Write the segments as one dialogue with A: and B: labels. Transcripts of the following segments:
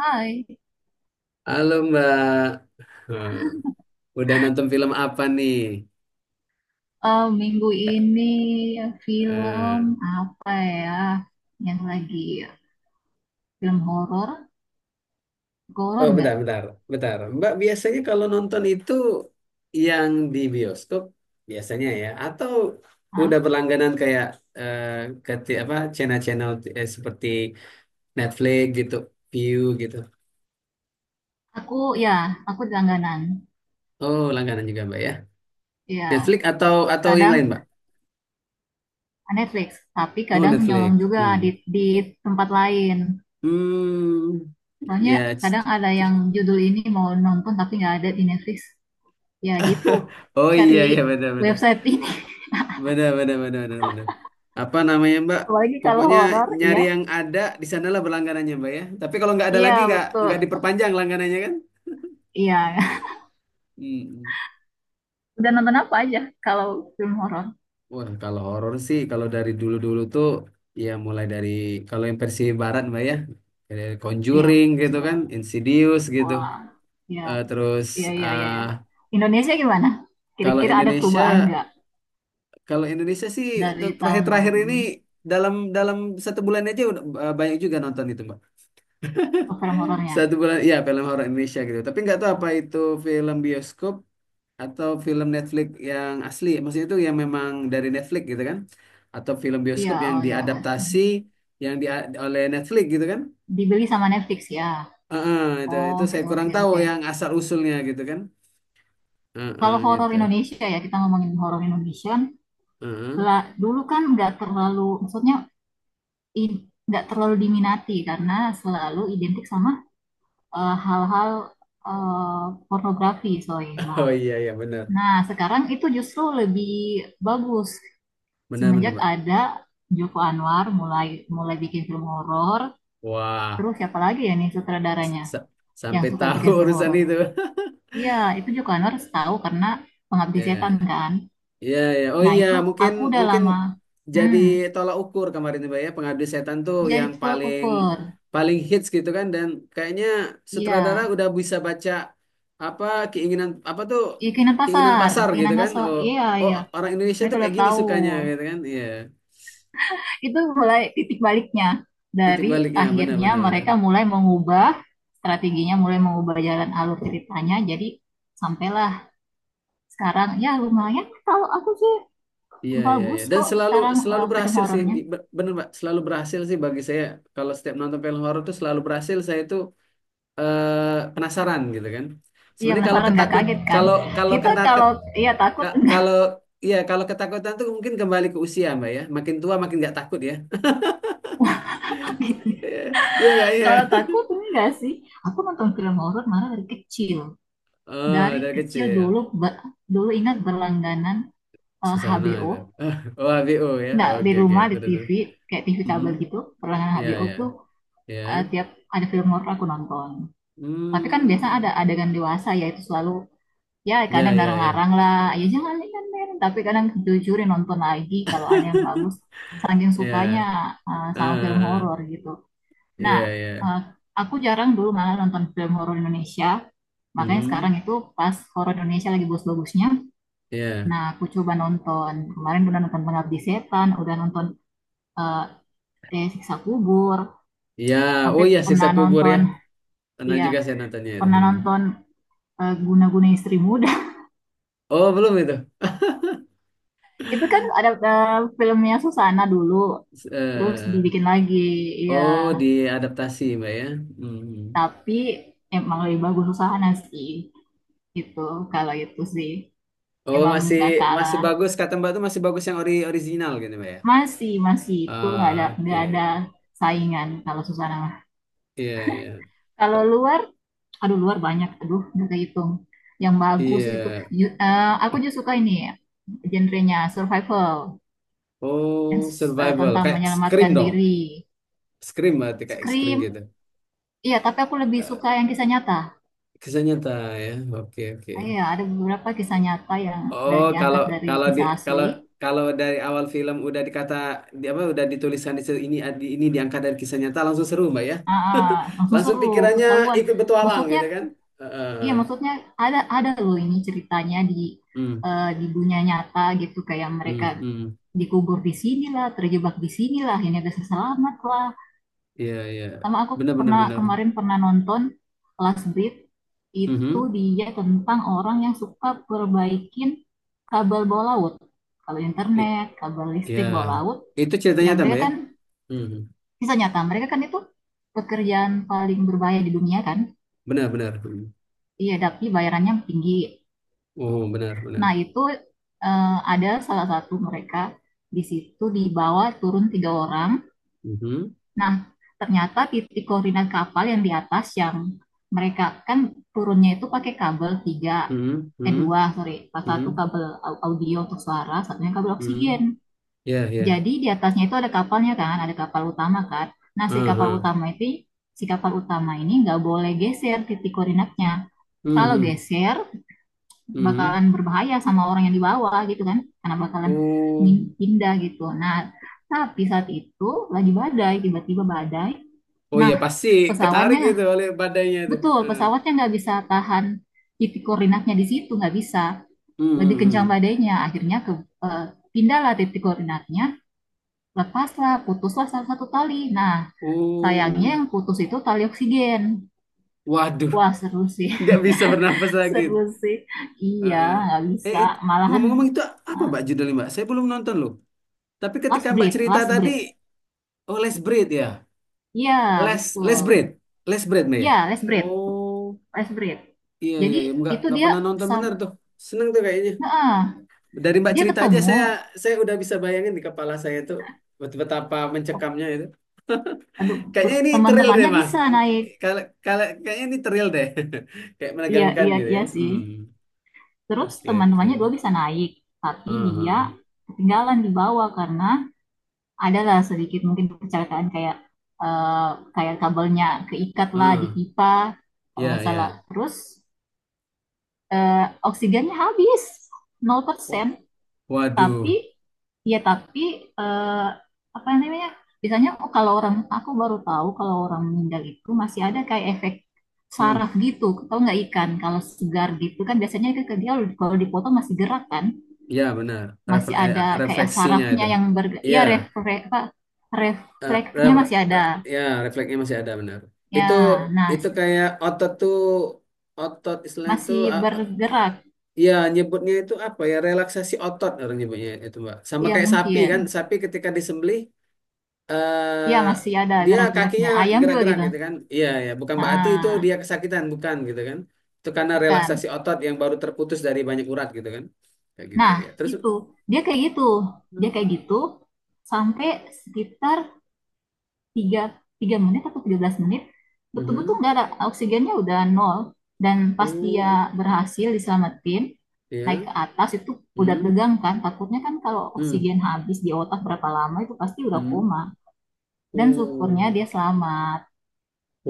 A: Hai.
B: Halo Mbak. Eh, udah nonton film apa nih?
A: Minggu ini film
B: Eh,
A: apa ya yang lagi film horor? Horor
B: oh bentar,
A: nggak?
B: bentar, bentar. Mbak biasanya kalau nonton itu yang di bioskop biasanya ya, atau udah
A: Hah?
B: berlangganan kayak eh, apa channel-channel, seperti Netflix gitu, View gitu.
A: Aku ya, aku langganan.
B: Oh langganan juga Mbak ya. Netflix
A: Ya,
B: atau yang
A: kadang
B: lain Mbak?
A: Netflix, tapi
B: Oh
A: kadang nyolong
B: Netflix.
A: juga
B: Hmm.
A: di tempat lain.
B: Hmm.
A: Soalnya
B: Ya.
A: kadang ada yang judul ini mau nonton tapi nggak ada di Netflix. Ya gitu,
B: Oh
A: cari
B: iya iya benar-benar.
A: website ini.
B: Benar, benar, benar, benar, benar. Apa namanya, Mbak?
A: Apalagi kalau
B: Pokoknya
A: horor,
B: nyari
A: iya.
B: yang ada di sanalah berlangganannya, Mbak ya. Tapi kalau nggak ada
A: Iya
B: lagi,
A: betul.
B: nggak diperpanjang langganannya kan?
A: Iya.
B: Hmm.
A: Udah nonton apa aja kalau film horor?
B: Wah, kalau horor sih, kalau dari dulu-dulu tuh, ya mulai dari kalau yang versi barat, Mbak ya, dari
A: Iya,
B: Conjuring gitu kan,
A: Persiwara.
B: Insidious gitu.
A: Wah, ya,
B: Terus
A: iya, iya, iya,
B: eh
A: iya. Indonesia gimana?
B: kalau
A: Kira-kira ada
B: Indonesia,
A: perubahan nggak
B: sih
A: dari
B: untuk
A: tahun lalu
B: terakhir-terakhir ini
A: hmm,
B: dalam dalam satu bulan aja udah, banyak juga nonton itu, Mbak.
A: ke film horornya?
B: Satu bulan, ya film horor Indonesia gitu. Tapi nggak tahu apa itu film bioskop atau film Netflix yang asli. Maksudnya itu yang memang dari Netflix gitu kan? Atau film
A: Iya,
B: bioskop yang
A: oh ya.
B: diadaptasi yang di oleh Netflix gitu kan?
A: Dibeli sama Netflix ya.
B: Heeh, itu
A: Oh, oke,
B: saya kurang
A: oke,
B: tahu
A: oke.
B: yang asal usulnya gitu kan?
A: Kalau
B: Heeh,
A: horor
B: gitu.
A: Indonesia ya, kita ngomongin horor Indonesia.
B: Heeh.
A: Lah, dulu kan nggak terlalu, maksudnya i- nggak terlalu diminati karena selalu identik sama hal-hal, pornografi, sorry,
B: Oh
A: maaf.
B: iya iya benar,
A: Nah, sekarang itu justru lebih bagus
B: benar
A: semenjak
B: Pak.
A: ada Joko Anwar mulai mulai bikin film horor,
B: Wah,
A: terus siapa lagi ya nih sutradaranya
B: sa-
A: yang
B: sampai
A: suka
B: tahu
A: bikin film
B: urusan
A: horor?
B: itu.
A: Iya, itu Joko Anwar tahu karena Pengabdi
B: Ya.
A: Setan kan.
B: Iya, ya. Oh
A: Nah,
B: iya,
A: itu
B: mungkin
A: aku udah
B: mungkin
A: lama.
B: jadi
A: Hmm,
B: tolak ukur kemarin tuh, Mbak ya, Pengabdi Setan tuh
A: jadi
B: yang
A: tukang
B: paling
A: ukur.
B: paling hits gitu kan, dan kayaknya
A: Iya,
B: sutradara udah bisa baca apa keinginan, apa tuh
A: iya keinginan
B: keinginan
A: pasar,
B: pasar gitu
A: keinginan
B: kan.
A: pasar.
B: Oh,
A: Iya,
B: oh
A: iya.
B: orang Indonesia
A: Mereka
B: tuh
A: udah
B: kayak gini
A: tahu.
B: sukanya gitu kan. Iya.
A: Itu mulai titik baliknya
B: Titik
A: dari
B: baliknya benar
A: akhirnya
B: benar benar.
A: mereka mulai mengubah strateginya, mulai mengubah jalan alur ceritanya. Jadi sampailah. Sekarang ya lumayan kalau aku sih
B: Iya, iya, iya.
A: bagus
B: Dan
A: kok
B: selalu
A: sekarang
B: selalu
A: film
B: berhasil sih.
A: horornya.
B: Bener Mbak, selalu berhasil sih bagi saya, kalau setiap nonton film horor tuh selalu berhasil, saya itu penasaran gitu kan.
A: Iya
B: Sebenarnya kalau
A: penasaran nggak kaget kan?
B: kalau kalau
A: Kita kalau iya takut enggak
B: kalau iya kalau ketakutan tuh mungkin kembali ke usia Mbak ya. Makin tua makin nggak takut ya.
A: gitu.
B: Iya iya nggak iya.
A: Kalau takut enggak sih. Aku nonton film horor malah dari kecil.
B: Oh,
A: Dari
B: dari
A: kecil dulu
B: kecil.
A: dulu ingat berlangganan
B: Susana itu.
A: HBO.
B: Ah, Oh, ABO ya.
A: Enggak, di
B: Oke oke.
A: rumah di
B: Terus terus.
A: TV kayak TV
B: Hmm.
A: kabel gitu. Berlangganan
B: Iya
A: HBO
B: iya
A: tuh
B: iya.
A: tiap ada film horor aku nonton. Tapi kan biasa ada
B: Hmm.
A: adegan dewasa, ya itu selalu ya
B: Iya
A: kadang
B: iya iya.
A: larang-larang lah ya jangan lihat men, tapi kadang ditujurin nonton lagi kalau ada yang bagus saking
B: Iya.
A: sukanya
B: Ah,
A: sama film
B: ah,
A: horor
B: ah.
A: gitu. Nah,
B: Iya iya.
A: eh, aku jarang dulu malah nonton film horor Indonesia makanya sekarang
B: Hmm.
A: itu pas horor Indonesia lagi bagus-bagusnya.
B: Iya.
A: Nah, aku coba nonton kemarin, udah nonton Pengabdi Setan, udah nonton eh, Siksa Kubur,
B: Iya. Oh
A: sampai
B: iya siksa
A: pernah
B: kubur ya.
A: nonton
B: Pernah
A: ya
B: juga saya nontonnya itu.
A: pernah
B: Hmm.
A: nonton Guna-Guna Istri Muda.
B: Oh, belum itu.
A: Itu kan ada filmnya Susana dulu. Terus
B: eh
A: dibikin lagi, ya.
B: oh, diadaptasi Mbak ya. Hmm.
A: Tapi emang lebih bagus usaha sih, gitu. Kalau itu sih
B: Oh,
A: emang
B: masih
A: nggak
B: masih
A: kalah.
B: bagus kata Mbak tuh masih bagus yang ori original gitu Mbak ya.
A: Masih, masih itu
B: Ah,
A: nggak ada
B: Oke.
A: saingan kalau Susana mah.
B: Iya, iya.
A: Kalau luar, aduh luar banyak, aduh nggak kehitung. Yang bagus
B: Iya.
A: itu, aku juga suka ini ya, genrenya survival, yang
B: Oh, survival
A: tentang
B: kayak Scream
A: menyelamatkan
B: dong.
A: diri.
B: Scream, berarti kayak Scream
A: Scream,
B: gitu.
A: iya tapi aku lebih suka
B: Eh,
A: yang kisah nyata.
B: Kisah nyata ya. Oke, oke.
A: Ah, iya, ada beberapa kisah nyata yang
B: Oh, kalau
A: diangkat dari
B: kalau di
A: kisah
B: kalau
A: asli.
B: kalau dari awal film udah di apa udah ditulisan di situ, ini ini diangkat dari kisah nyata, langsung seru Mbak ya.
A: Ah, ah, langsung
B: Langsung
A: seru,
B: pikirannya
A: ketahuan.
B: ikut petualang
A: Maksudnya,
B: gitu kan.
A: iya
B: Heeh.
A: maksudnya ada loh ini ceritanya di
B: Hmm,
A: di dunia nyata gitu kayak
B: hmm,
A: mereka
B: hmm.
A: dikubur di sini lah, terjebak di sini lah, ini ada selamat lah.
B: Iya, iya.
A: Sama aku
B: Benar benar
A: pernah
B: benar.
A: kemarin pernah nonton Last Breath. Itu
B: Mhm.
A: dia tentang orang yang suka perbaikin kabel bawah laut, kabel
B: I-
A: internet, kabel
B: Iya.
A: listrik bawah laut.
B: Itu
A: Ya
B: ceritanya
A: mereka
B: tambah ya.
A: kan
B: Mhm.
A: bisa nyata, mereka kan itu pekerjaan paling berbahaya di dunia kan?
B: Benar benar. Mhm.
A: Iya, tapi bayarannya tinggi.
B: Oh, benar benar.
A: Nah, itu ada salah satu mereka di situ dibawa turun tiga orang.
B: Mhm.
A: Nah, ternyata titik koordinat kapal yang di atas yang mereka kan turunnya itu pakai kabel tiga,
B: Mhm.
A: eh
B: Mhm.
A: dua, sorry, pas satu
B: Mhm.
A: kabel audio untuk suara, satunya kabel
B: Mhm.
A: oksigen.
B: Iya, iya.
A: Jadi di atasnya itu ada kapalnya kan, ada kapal utama kan. Nah, si kapal
B: Aha.
A: utama itu, si kapal utama ini nggak boleh geser titik koordinatnya. Kalau
B: Mhm.
A: geser
B: Mhm.
A: bakalan berbahaya sama orang yang di bawah gitu kan, karena bakalan
B: Oh.
A: pindah gitu. Nah, tapi saat itu lagi badai, tiba-tiba badai.
B: Oh iya
A: Nah,
B: pasti ketarik itu
A: pesawatnya,
B: oleh badainya itu.
A: betul
B: Heeh.
A: pesawatnya nggak bisa tahan titik koordinatnya di situ, nggak bisa.
B: Hmm,
A: Lebih
B: hmm,
A: kencang
B: hmm.
A: badainya akhirnya ke eh, pindahlah titik koordinatnya, lepaslah, putuslah salah satu tali. Nah, sayangnya
B: Oh,
A: yang putus itu tali oksigen.
B: waduh,
A: Wah, seru sih.
B: nggak bisa bernafas lagi.
A: Seru sih. Iya,
B: Heeh.
A: nggak
B: Eh, Eh,
A: bisa.
B: it-
A: Malahan,
B: Ngomong-ngomong itu apa
A: ah,
B: Mbak judulnya Mbak? Saya belum nonton loh. Tapi ketika
A: last
B: Mbak
A: breath,
B: cerita
A: last
B: tadi,
A: breath.
B: oh Les Breed ya,
A: Iya,
B: Les Les Breed,
A: betul.
B: Les Breed Mbak
A: Iya
B: ya.
A: last breath,
B: Oh,
A: last breath.
B: iya iya
A: Jadi
B: iya,
A: itu
B: nggak
A: dia
B: pernah nonton bener
A: sam-
B: tuh. Seneng tuh kayaknya.
A: nah,
B: Dari Mbak
A: dia
B: cerita aja
A: ketemu.
B: saya udah bisa bayangin di kepala saya tuh betapa
A: Oh,
B: mencekamnya.
A: aduh,
B: Kayaknya ini thrill deh,
A: teman-temannya
B: Mas.
A: bisa naik.
B: Kalau kalau Kayaknya ini thrill deh. Kayak
A: Iya,
B: menegangkan
A: iya,
B: gitu
A: iya
B: ya.
A: sih.
B: Hmm.
A: Terus
B: Oke, oke.
A: teman-temannya dua bisa naik, tapi
B: Aha.
A: dia ketinggalan di bawah karena adalah sedikit mungkin kecelakaan kayak eh, kayak kabelnya keikat lah di
B: Ah,
A: pipa kalau
B: ya,
A: nggak salah.
B: ya.
A: Terus eh, oksigennya habis
B: Wa-
A: 0%.
B: Waduh.
A: Tapi ya tapi eh, apa namanya, biasanya kalau orang aku baru tahu kalau orang meninggal itu masih ada kayak efek
B: Hmm.
A: saraf gitu tau nggak, ikan kalau segar gitu kan biasanya ikan ke dia kalau dipotong masih gerak kan,
B: Ya, benar.
A: masih
B: Refle-
A: ada
B: eh,
A: kayak
B: Refleksinya
A: sarafnya
B: itu.
A: yang ber,
B: Iya.
A: ya refleks apa
B: Eh, re-
A: refleksnya
B: re-
A: masih ada
B: eh, Ya, refleksnya masih ada, benar.
A: ya.
B: Itu
A: Nah,
B: itu kayak otot tuh, otot istilahnya itu,
A: masih bergerak
B: ya nyebutnya itu apa, ya relaksasi otot orang nyebutnya itu Mbak. Sama
A: ya
B: kayak sapi kan,
A: mungkin
B: sapi ketika disembelih,
A: ya
B: eh
A: masih ada
B: dia
A: gerak-geraknya
B: kakinya
A: ayam juga
B: gerak-gerak
A: gitu.
B: gitu kan. Iya, ya, bukan berarti itu
A: Nah,
B: dia kesakitan, bukan gitu kan. Itu karena relaksasi
A: bukan,
B: otot yang baru terputus dari banyak urat gitu kan. Kayak gitu
A: nah
B: ya. Terus
A: itu dia kayak gitu, dia kayak gitu sampai sekitar tiga, 3 menit atau 13 menit betul-betul
B: Mhm.
A: nggak ada oksigennya, udah nol. Dan pas
B: Oh,
A: dia berhasil diselamatin naik
B: ya.
A: ke atas itu udah
B: Hmm.
A: tegang kan, takutnya kan kalau
B: Hmm.
A: oksigen habis di otak berapa lama itu pasti udah
B: Hmm.
A: koma. Dan syukurnya
B: Oh.
A: dia selamat.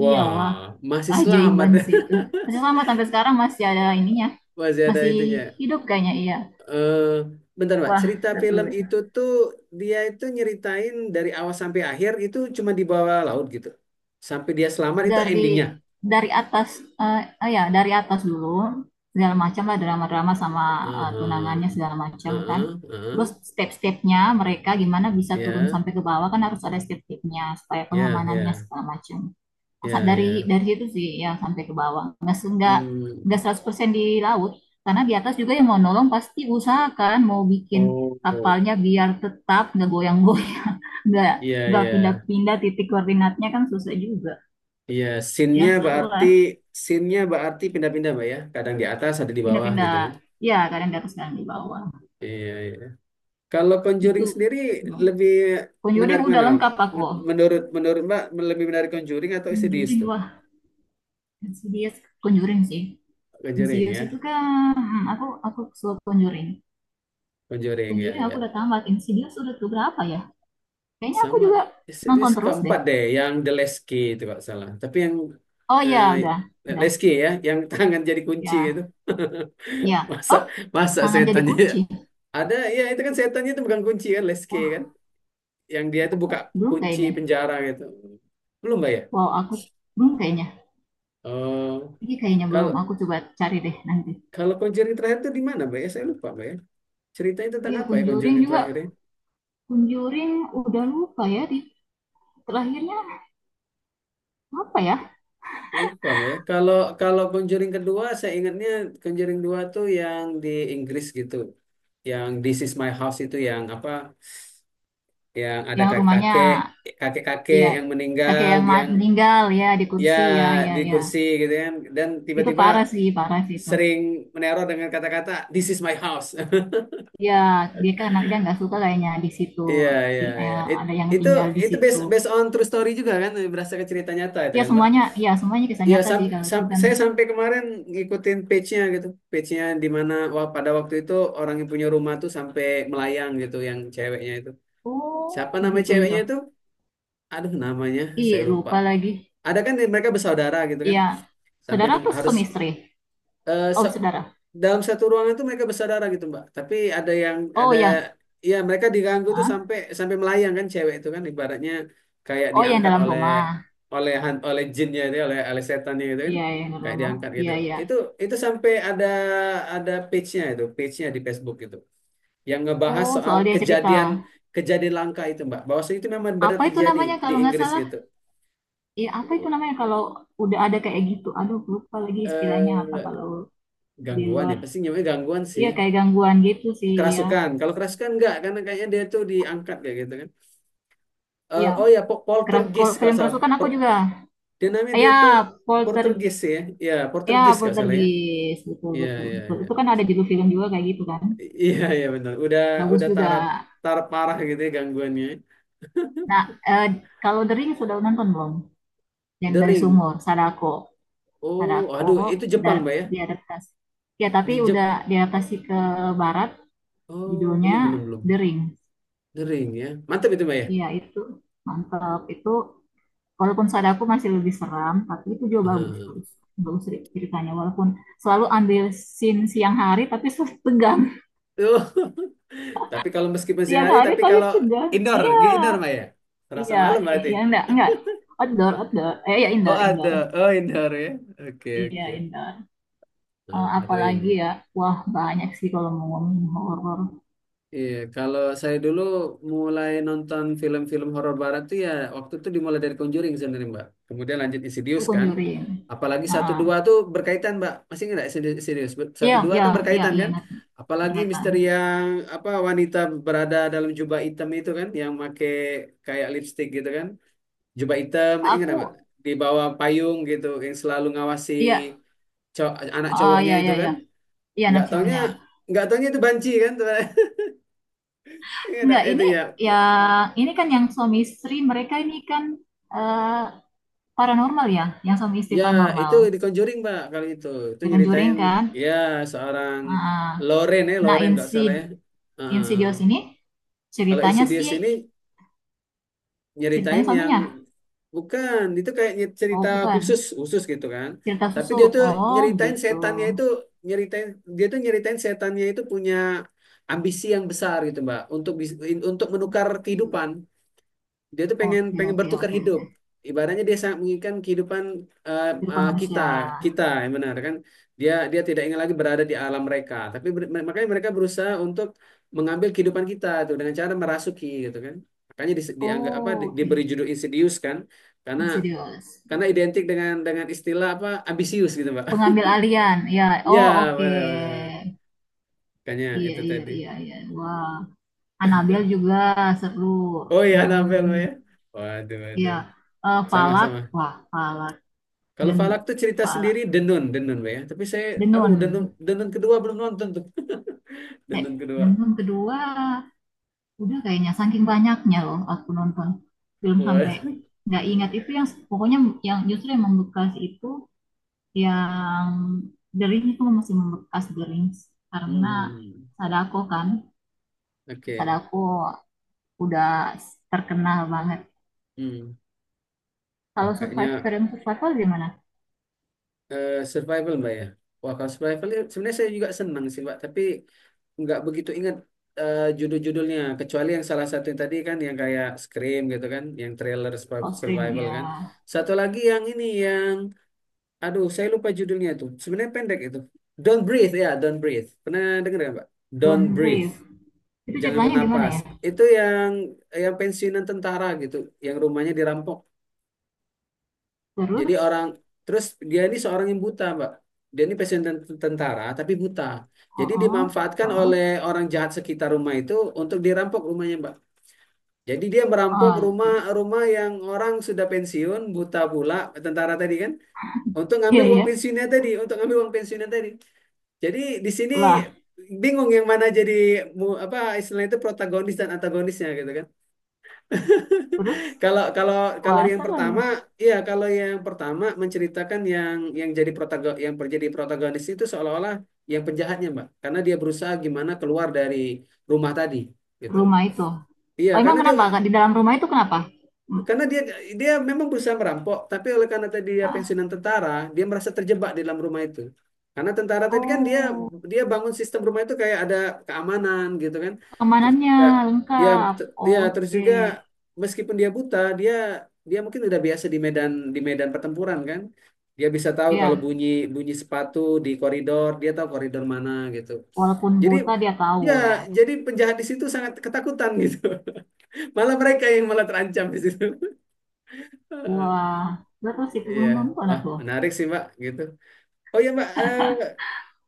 A: Iya wah,
B: masih selamat.
A: ajaiban sih itu masih selamat sampai sekarang, masih ada ininya,
B: Masih ada
A: masih
B: itunya.
A: hidup kayaknya iya.
B: eh Bentar Mbak,
A: Wah
B: cerita
A: seru
B: film
A: ya.
B: itu tuh, dia itu nyeritain dari awal sampai akhir itu cuma di bawah laut gitu. Sampai dia selamat itu endingnya.
A: dari dari atas ya dari atas dulu segala macam lah drama-drama, sama
B: Heeh.
A: tunangannya segala macam kan.
B: Heeh,
A: Terus
B: heeh.
A: step-stepnya mereka gimana bisa turun
B: Ya,
A: sampai ke bawah kan harus ada step-stepnya supaya
B: ya,
A: pengamanannya
B: ya,
A: segala macam. Masa
B: ya,
A: dari
B: ya.
A: dari situ sih ya sampai ke bawah nggak
B: Hmm.
A: 100% di laut, karena di atas juga yang mau nolong pasti usahakan mau bikin
B: Oh,
A: kapalnya biar tetap nggak goyang-goyang, nggak
B: iya,
A: nggak
B: iya.
A: pindah-pindah titik koordinatnya kan susah juga.
B: Iya,
A: Ya
B: scene-nya
A: seru
B: berarti
A: lah.
B: scene-nya berarti pindah-pindah Mbak ya. Kadang di atas, ada di bawah
A: Pindah-pindah,
B: gitu kan.
A: ya kadang di atas kadang di bawah.
B: Iya, iya. Kalau
A: Itu
B: Conjuring sendiri
A: emang
B: lebih
A: Conjuring
B: menarik
A: udah
B: mana?
A: lengkap aku.
B: Menurut menurut Mbak, lebih menarik Conjuring atau Insidious
A: Conjuring,
B: tuh?
A: wah Insidious. Conjuring sih.
B: Conjuring
A: Insidious itu
B: ya,
A: kan, aku suka Conjuring.
B: Conjuring ya
A: Conjuring aku
B: ya.
A: udah tamat. Insidious udah tuh berapa ya, kayaknya aku
B: Sama
A: juga
B: Insidious
A: nonton terus deh.
B: keempat deh, yang The Lesky itu kalau salah. Tapi yang
A: Oh ya udah,
B: eh,
A: udah.
B: Lesky ya, yang tangan jadi kunci gitu.
A: Ya ya
B: Masa
A: oh
B: Masa
A: tangan jadi
B: setannya
A: kunci.
B: ada ya, itu kan setannya itu bukan kunci kan Lesky kan,
A: Wah
B: yang dia itu buka
A: belum
B: kunci
A: kayaknya.
B: penjara gitu. Belum Mbak ya?
A: Wow, aku belum kayaknya,
B: Oh,
A: ini kayaknya belum,
B: kalau
A: aku coba cari deh nanti.
B: kalau Conjuring terakhir itu di mana, Mbak ya? Saya lupa, Mbak ya. Ceritanya tentang
A: Iya
B: apa ya
A: Conjuring
B: Conjuring
A: juga.
B: terakhirnya?
A: Conjuring udah lupa ya di terakhirnya apa ya?
B: Lupa, Mbak ya. Kalau Kalau Conjuring kedua, saya ingatnya Conjuring dua tuh yang di Inggris gitu. Yang This Is My House itu yang apa? Yang ada
A: Yang rumahnya,
B: kakek-kakek, kakek-kakek
A: ya
B: yang
A: kakek
B: meninggal,
A: yang
B: yang
A: meninggal ya di
B: ya
A: kursi, ya ya
B: di
A: ya.
B: kursi gitu kan. Dan
A: Itu
B: tiba-tiba
A: parah sih itu.
B: sering meneror dengan kata-kata This is my house.
A: Ya, dia kan dia nggak suka kayaknya di situ.
B: Iya, iya, iya.
A: Ada yang
B: Itu
A: tinggal di situ.
B: based based on true story juga kan? Berdasarkan cerita nyata itu kan, Mbak?
A: Ya semuanya kisah
B: Iya,
A: nyata sih kalau itu kan.
B: saya sampai kemarin ngikutin page-nya gitu. Page-nya di mana wah, pada waktu itu orang yang punya rumah tuh sampai melayang gitu yang ceweknya itu. Siapa
A: Oh,
B: nama
A: gitu gitu.
B: ceweknya itu? Aduh, namanya saya
A: Ih,
B: lupa.
A: lupa lagi.
B: Ada kan mereka bersaudara gitu kan.
A: Ya,
B: Sampai
A: saudara
B: nung-
A: tuh suami istri.
B: Harus
A: Oh, saudara.
B: dalam satu ruangan itu mereka bersaudara gitu Mbak. Tapi ada yang
A: Oh,
B: ada
A: yang
B: ya mereka diganggu tuh
A: Hah?
B: sampai sampai melayang kan cewek itu kan, ibaratnya kayak
A: Oh, yang
B: diangkat
A: dalam
B: oleh
A: rumah.
B: oleh han- oleh jinnya itu, oleh oleh setannya gitu kan,
A: Iya, yang dalam
B: kayak
A: rumah.
B: diangkat gitu.
A: Iya, iya.
B: Itu itu sampai ada page-nya itu, page-nya di Facebook gitu. Yang ngebahas
A: Oh,
B: soal
A: soal dia cerita.
B: kejadian kejadian langka itu Mbak. Bahwasanya itu memang benar
A: Apa itu
B: terjadi
A: namanya
B: di
A: kalau nggak
B: Inggris
A: salah?
B: gitu.
A: Ya, apa itu namanya kalau udah ada kayak gitu? Aduh, lupa lagi istilahnya apa
B: Eh,
A: kalau di
B: Gangguan ya,
A: luar.
B: pasti nyamanya gangguan sih.
A: Iya, kayak gangguan gitu sih, ya.
B: Kerasukan. Kalau kerasukan enggak, karena kayaknya dia tuh diangkat kayak gitu kan.
A: Iya
B: Oh ya,
A: keras,
B: poltergeist
A: kalau
B: kalau
A: film
B: salah.
A: kerasukan aku
B: Per-
A: juga.
B: dia namanya
A: Ah,
B: dia tuh
A: ya, polter,
B: Poltergeist ya. Ya,
A: ya,
B: poltergeist kalau salah ya.
A: poltergeist, betul,
B: Iya,
A: betul,
B: iya,
A: betul.
B: iya.
A: Itu kan ada judul film juga kayak gitu kan.
B: Iya, iya benar. Udah
A: Bagus juga.
B: taraf taraf parah gitu ya gangguannya.
A: Nah, eh, kalau The Ring sudah nonton belum? Yang
B: The
A: dari
B: Ring.
A: sumur, Sadako.
B: Oh,
A: Sadako,
B: aduh, itu Jepang,
A: dari
B: Mbak ya?
A: diadaptasi. Ya, tapi
B: Di
A: udah
B: Jep.
A: diadaptasi ke barat
B: Oh,
A: judulnya
B: belum, belum,
A: The
B: belum.
A: Ring.
B: The Ring ya. Mantap itu, Mbak ya.
A: Iya itu mantap. Itu walaupun Sadako masih lebih seram, tapi itu juga bagus,
B: Hmm.
A: bagus bagus ceritanya. Walaupun selalu ambil scene siang hari, tapi selalu tegang.
B: Oh, tapi kalau meskipun siang
A: Siang
B: hari,
A: hari
B: tapi
A: tapi
B: kalau
A: tegang.
B: indoor,
A: Iya,
B: indoor, Mbak ya. Terasa
A: iya,
B: malam berarti.
A: iya enggak enggak. Outdoor, outdoor. Eh ya
B: Oh
A: indoor,
B: ada,
A: indoor.
B: oh indoor ya. Oke
A: Iya
B: oke.
A: indoor.
B: Nah,
A: Apalagi
B: Ring.
A: ya, wah banyak sih kalau mau ngomongin horor.
B: Iya, kalau saya dulu mulai nonton film-film horor barat tuh ya, waktu itu dimulai dari Conjuring sebenarnya Mbak. Kemudian lanjut
A: Aku
B: Insidious kan.
A: Conjuring.
B: Apalagi
A: Ah,
B: satu dua
A: ah.
B: tuh berkaitan Mbak. Masih nggak Insidious?
A: Iya,
B: Satu dua
A: iya,
B: kan
A: iya,
B: berkaitan
A: iya
B: kan.
A: ingat
B: Apalagi
A: berkaitan.
B: misteri yang apa, wanita berada dalam jubah hitam itu kan, yang make kayak lipstick gitu kan. Jubah hitam, ingat nggak Mbak?
A: Aku.
B: Di bawah payung gitu, yang selalu ngawasi
A: Iya.
B: anak
A: Ah
B: cowoknya
A: ya
B: itu
A: ya
B: kan.
A: ya, iya
B: nggak taunya
A: Nachonya.
B: nggak taunya itu banci kan teman. Iya, ada
A: Enggak
B: itu
A: ini,
B: ya,
A: yang ini kan yang suami istri mereka ini kan eh, paranormal ya, yang suami istri
B: ya itu
A: paranormal,
B: di Conjuring mbak, kalau itu
A: The Conjuring
B: nyeritain
A: kan.
B: ya seorang
A: Ah,
B: Loren ya,
A: nah
B: Loren nggak salah
A: Insid.
B: ya. Heeh.
A: Insidious ini
B: Kalau
A: ceritanya sih,
B: Insidious ini
A: ceritanya
B: nyeritain yang
A: suaminya.
B: bukan itu kayak cerita
A: Oh
B: khusus
A: bukan,
B: khusus gitu kan,
A: cerita
B: tapi
A: susu.
B: dia tuh
A: Oh
B: nyeritain
A: begitu.
B: setannya itu, nyeritain dia tuh nyeritain setannya itu punya ambisi yang besar gitu mbak, untuk untuk menukar kehidupan, dia tuh pengen
A: Oke
B: pengen
A: oke
B: bertukar
A: oke
B: hidup,
A: oke.
B: ibaratnya dia sangat menginginkan kehidupan
A: Kehidupan
B: kita,
A: manusia.
B: yang benar kan. Dia Dia tidak ingin lagi berada di alam mereka, tapi makanya mereka berusaha untuk mengambil kehidupan kita tuh dengan cara merasuki gitu kan. Makanya dianggap apa
A: Oh oke.
B: diberi judul Insidious kan, karena
A: Insidious.
B: identik dengan istilah apa, ambisius gitu Pak.
A: Pengambil alian. Ya.
B: Ya,
A: Oh oke.
B: benar-benar, makanya
A: Iya,
B: itu
A: iya,
B: tadi.
A: iya, iya. Wah, Anabel juga seru.
B: Oh ya Nabel Pak,
A: Hmm,
B: ya, waduh
A: iya.
B: waduh.
A: Eh,
B: Sama
A: Falak,
B: sama.
A: wah, Falak
B: Kalau
A: dan
B: Falak tuh cerita
A: Falak.
B: sendiri, Denun, Denun Be, ya. Tapi saya, aduh
A: Denun.
B: Denun, Denun kedua belum nonton tuh.
A: Cek,
B: Denun kedua.
A: Denun kedua udah kayaknya, saking banyaknya loh aku nonton film
B: Wah.
A: sampai nggak ingat itu, yang pokoknya yang justru yang membekas itu yang Dering, itu masih membekas Dering karena
B: Hmm.
A: Sadako kan,
B: Oke.
A: Sadako udah terkenal banget.
B: Hmm. Wah,
A: Kalau
B: kayaknya
A: survive, film survival gimana?
B: survival Mbak ya. Wah, kalau survival ya, sebenarnya saya juga senang sih Mbak. Tapi nggak begitu ingat judul-judulnya. Kecuali yang salah satu yang tadi kan yang kayak Scream gitu kan. Yang trailer
A: Kalau Scream
B: survival
A: ya
B: kan. Satu lagi yang ini yang, aduh, saya lupa judulnya itu. Sebenarnya pendek itu. Don't Breathe ya, Don't Breathe. Pernah dengar nggak, Pak? Don't
A: Don't
B: Breathe.
A: Breathe. Itu
B: Jangan
A: ceritanya gimana
B: bernapas.
A: ya?
B: Itu yang pensiunan tentara gitu, yang rumahnya dirampok. Jadi
A: Terus,
B: orang, terus dia ini seorang yang buta, Pak. Dia ini pensiunan tentara tapi buta. Jadi
A: oh,
B: dimanfaatkan oleh
A: oh,
B: orang jahat sekitar rumah itu untuk dirampok rumahnya, Pak. Jadi dia merampok
A: oh, terus,
B: rumah-rumah yang orang sudah pensiun, buta pula, tentara tadi kan, untuk
A: iya
B: ngambil uang
A: iya
B: pensiunnya tadi, untuk ngambil uang pensiunnya tadi. Jadi di sini
A: lah.
B: bingung yang mana jadi apa istilahnya itu, protagonis dan antagonisnya gitu kan.
A: Terus,
B: Kalau kalau Kalau
A: wah
B: yang
A: seru.
B: pertama, iya kalau yang pertama menceritakan yang jadi protagon yang menjadi protagonis itu seolah-olah yang penjahatnya, Mbak. Karena dia berusaha gimana keluar dari rumah tadi gitu.
A: Rumah itu.
B: Iya,
A: Oh emang
B: karena dia
A: kenapa? Kak? Di dalam rumah itu kenapa? Hmm,
B: karena dia dia memang berusaha merampok, tapi oleh karena tadi dia
A: ah,
B: pensiunan tentara, dia merasa terjebak di dalam rumah itu. Karena tentara tadi kan dia
A: oh,
B: dia bangun sistem rumah itu kayak ada keamanan gitu kan. Terus
A: keamanannya
B: juga, ya
A: lengkap.
B: te- ya terus
A: Oke,
B: juga meskipun dia buta, dia dia mungkin udah biasa di medan pertempuran kan. Dia bisa tahu kalau
A: ya.
B: bunyi bunyi sepatu di koridor, dia tahu koridor mana gitu.
A: Walaupun
B: Jadi
A: buta dia
B: ya
A: tahu ya.
B: jadi penjahat di situ sangat ketakutan gitu. Malah mereka yang malah terancam di situ. Heeh.
A: Wah, terus itu
B: Iya,
A: belum nonton
B: wah
A: aku.
B: menarik sih Mbak gitu. Oh ya Mbak,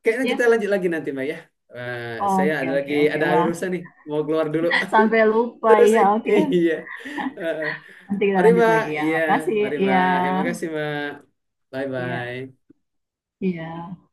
B: kayaknya kita
A: Ya,
B: lanjut lagi nanti Mbak ya. Eh, saya
A: oke
B: ada
A: oke oke.
B: ada
A: Wah,
B: urusan nih, mau keluar dulu.
A: sampai lupa
B: Terus
A: ya.
B: sih,
A: Oke.
B: iya. Heeh.
A: Nanti kita
B: Mari
A: lanjut
B: Mbak,
A: lagi ya.
B: iya,
A: Makasih.
B: mari
A: Iya.
B: Mbak. Ya, makasih Mbak. Bye
A: Iya.
B: bye.
A: Iya.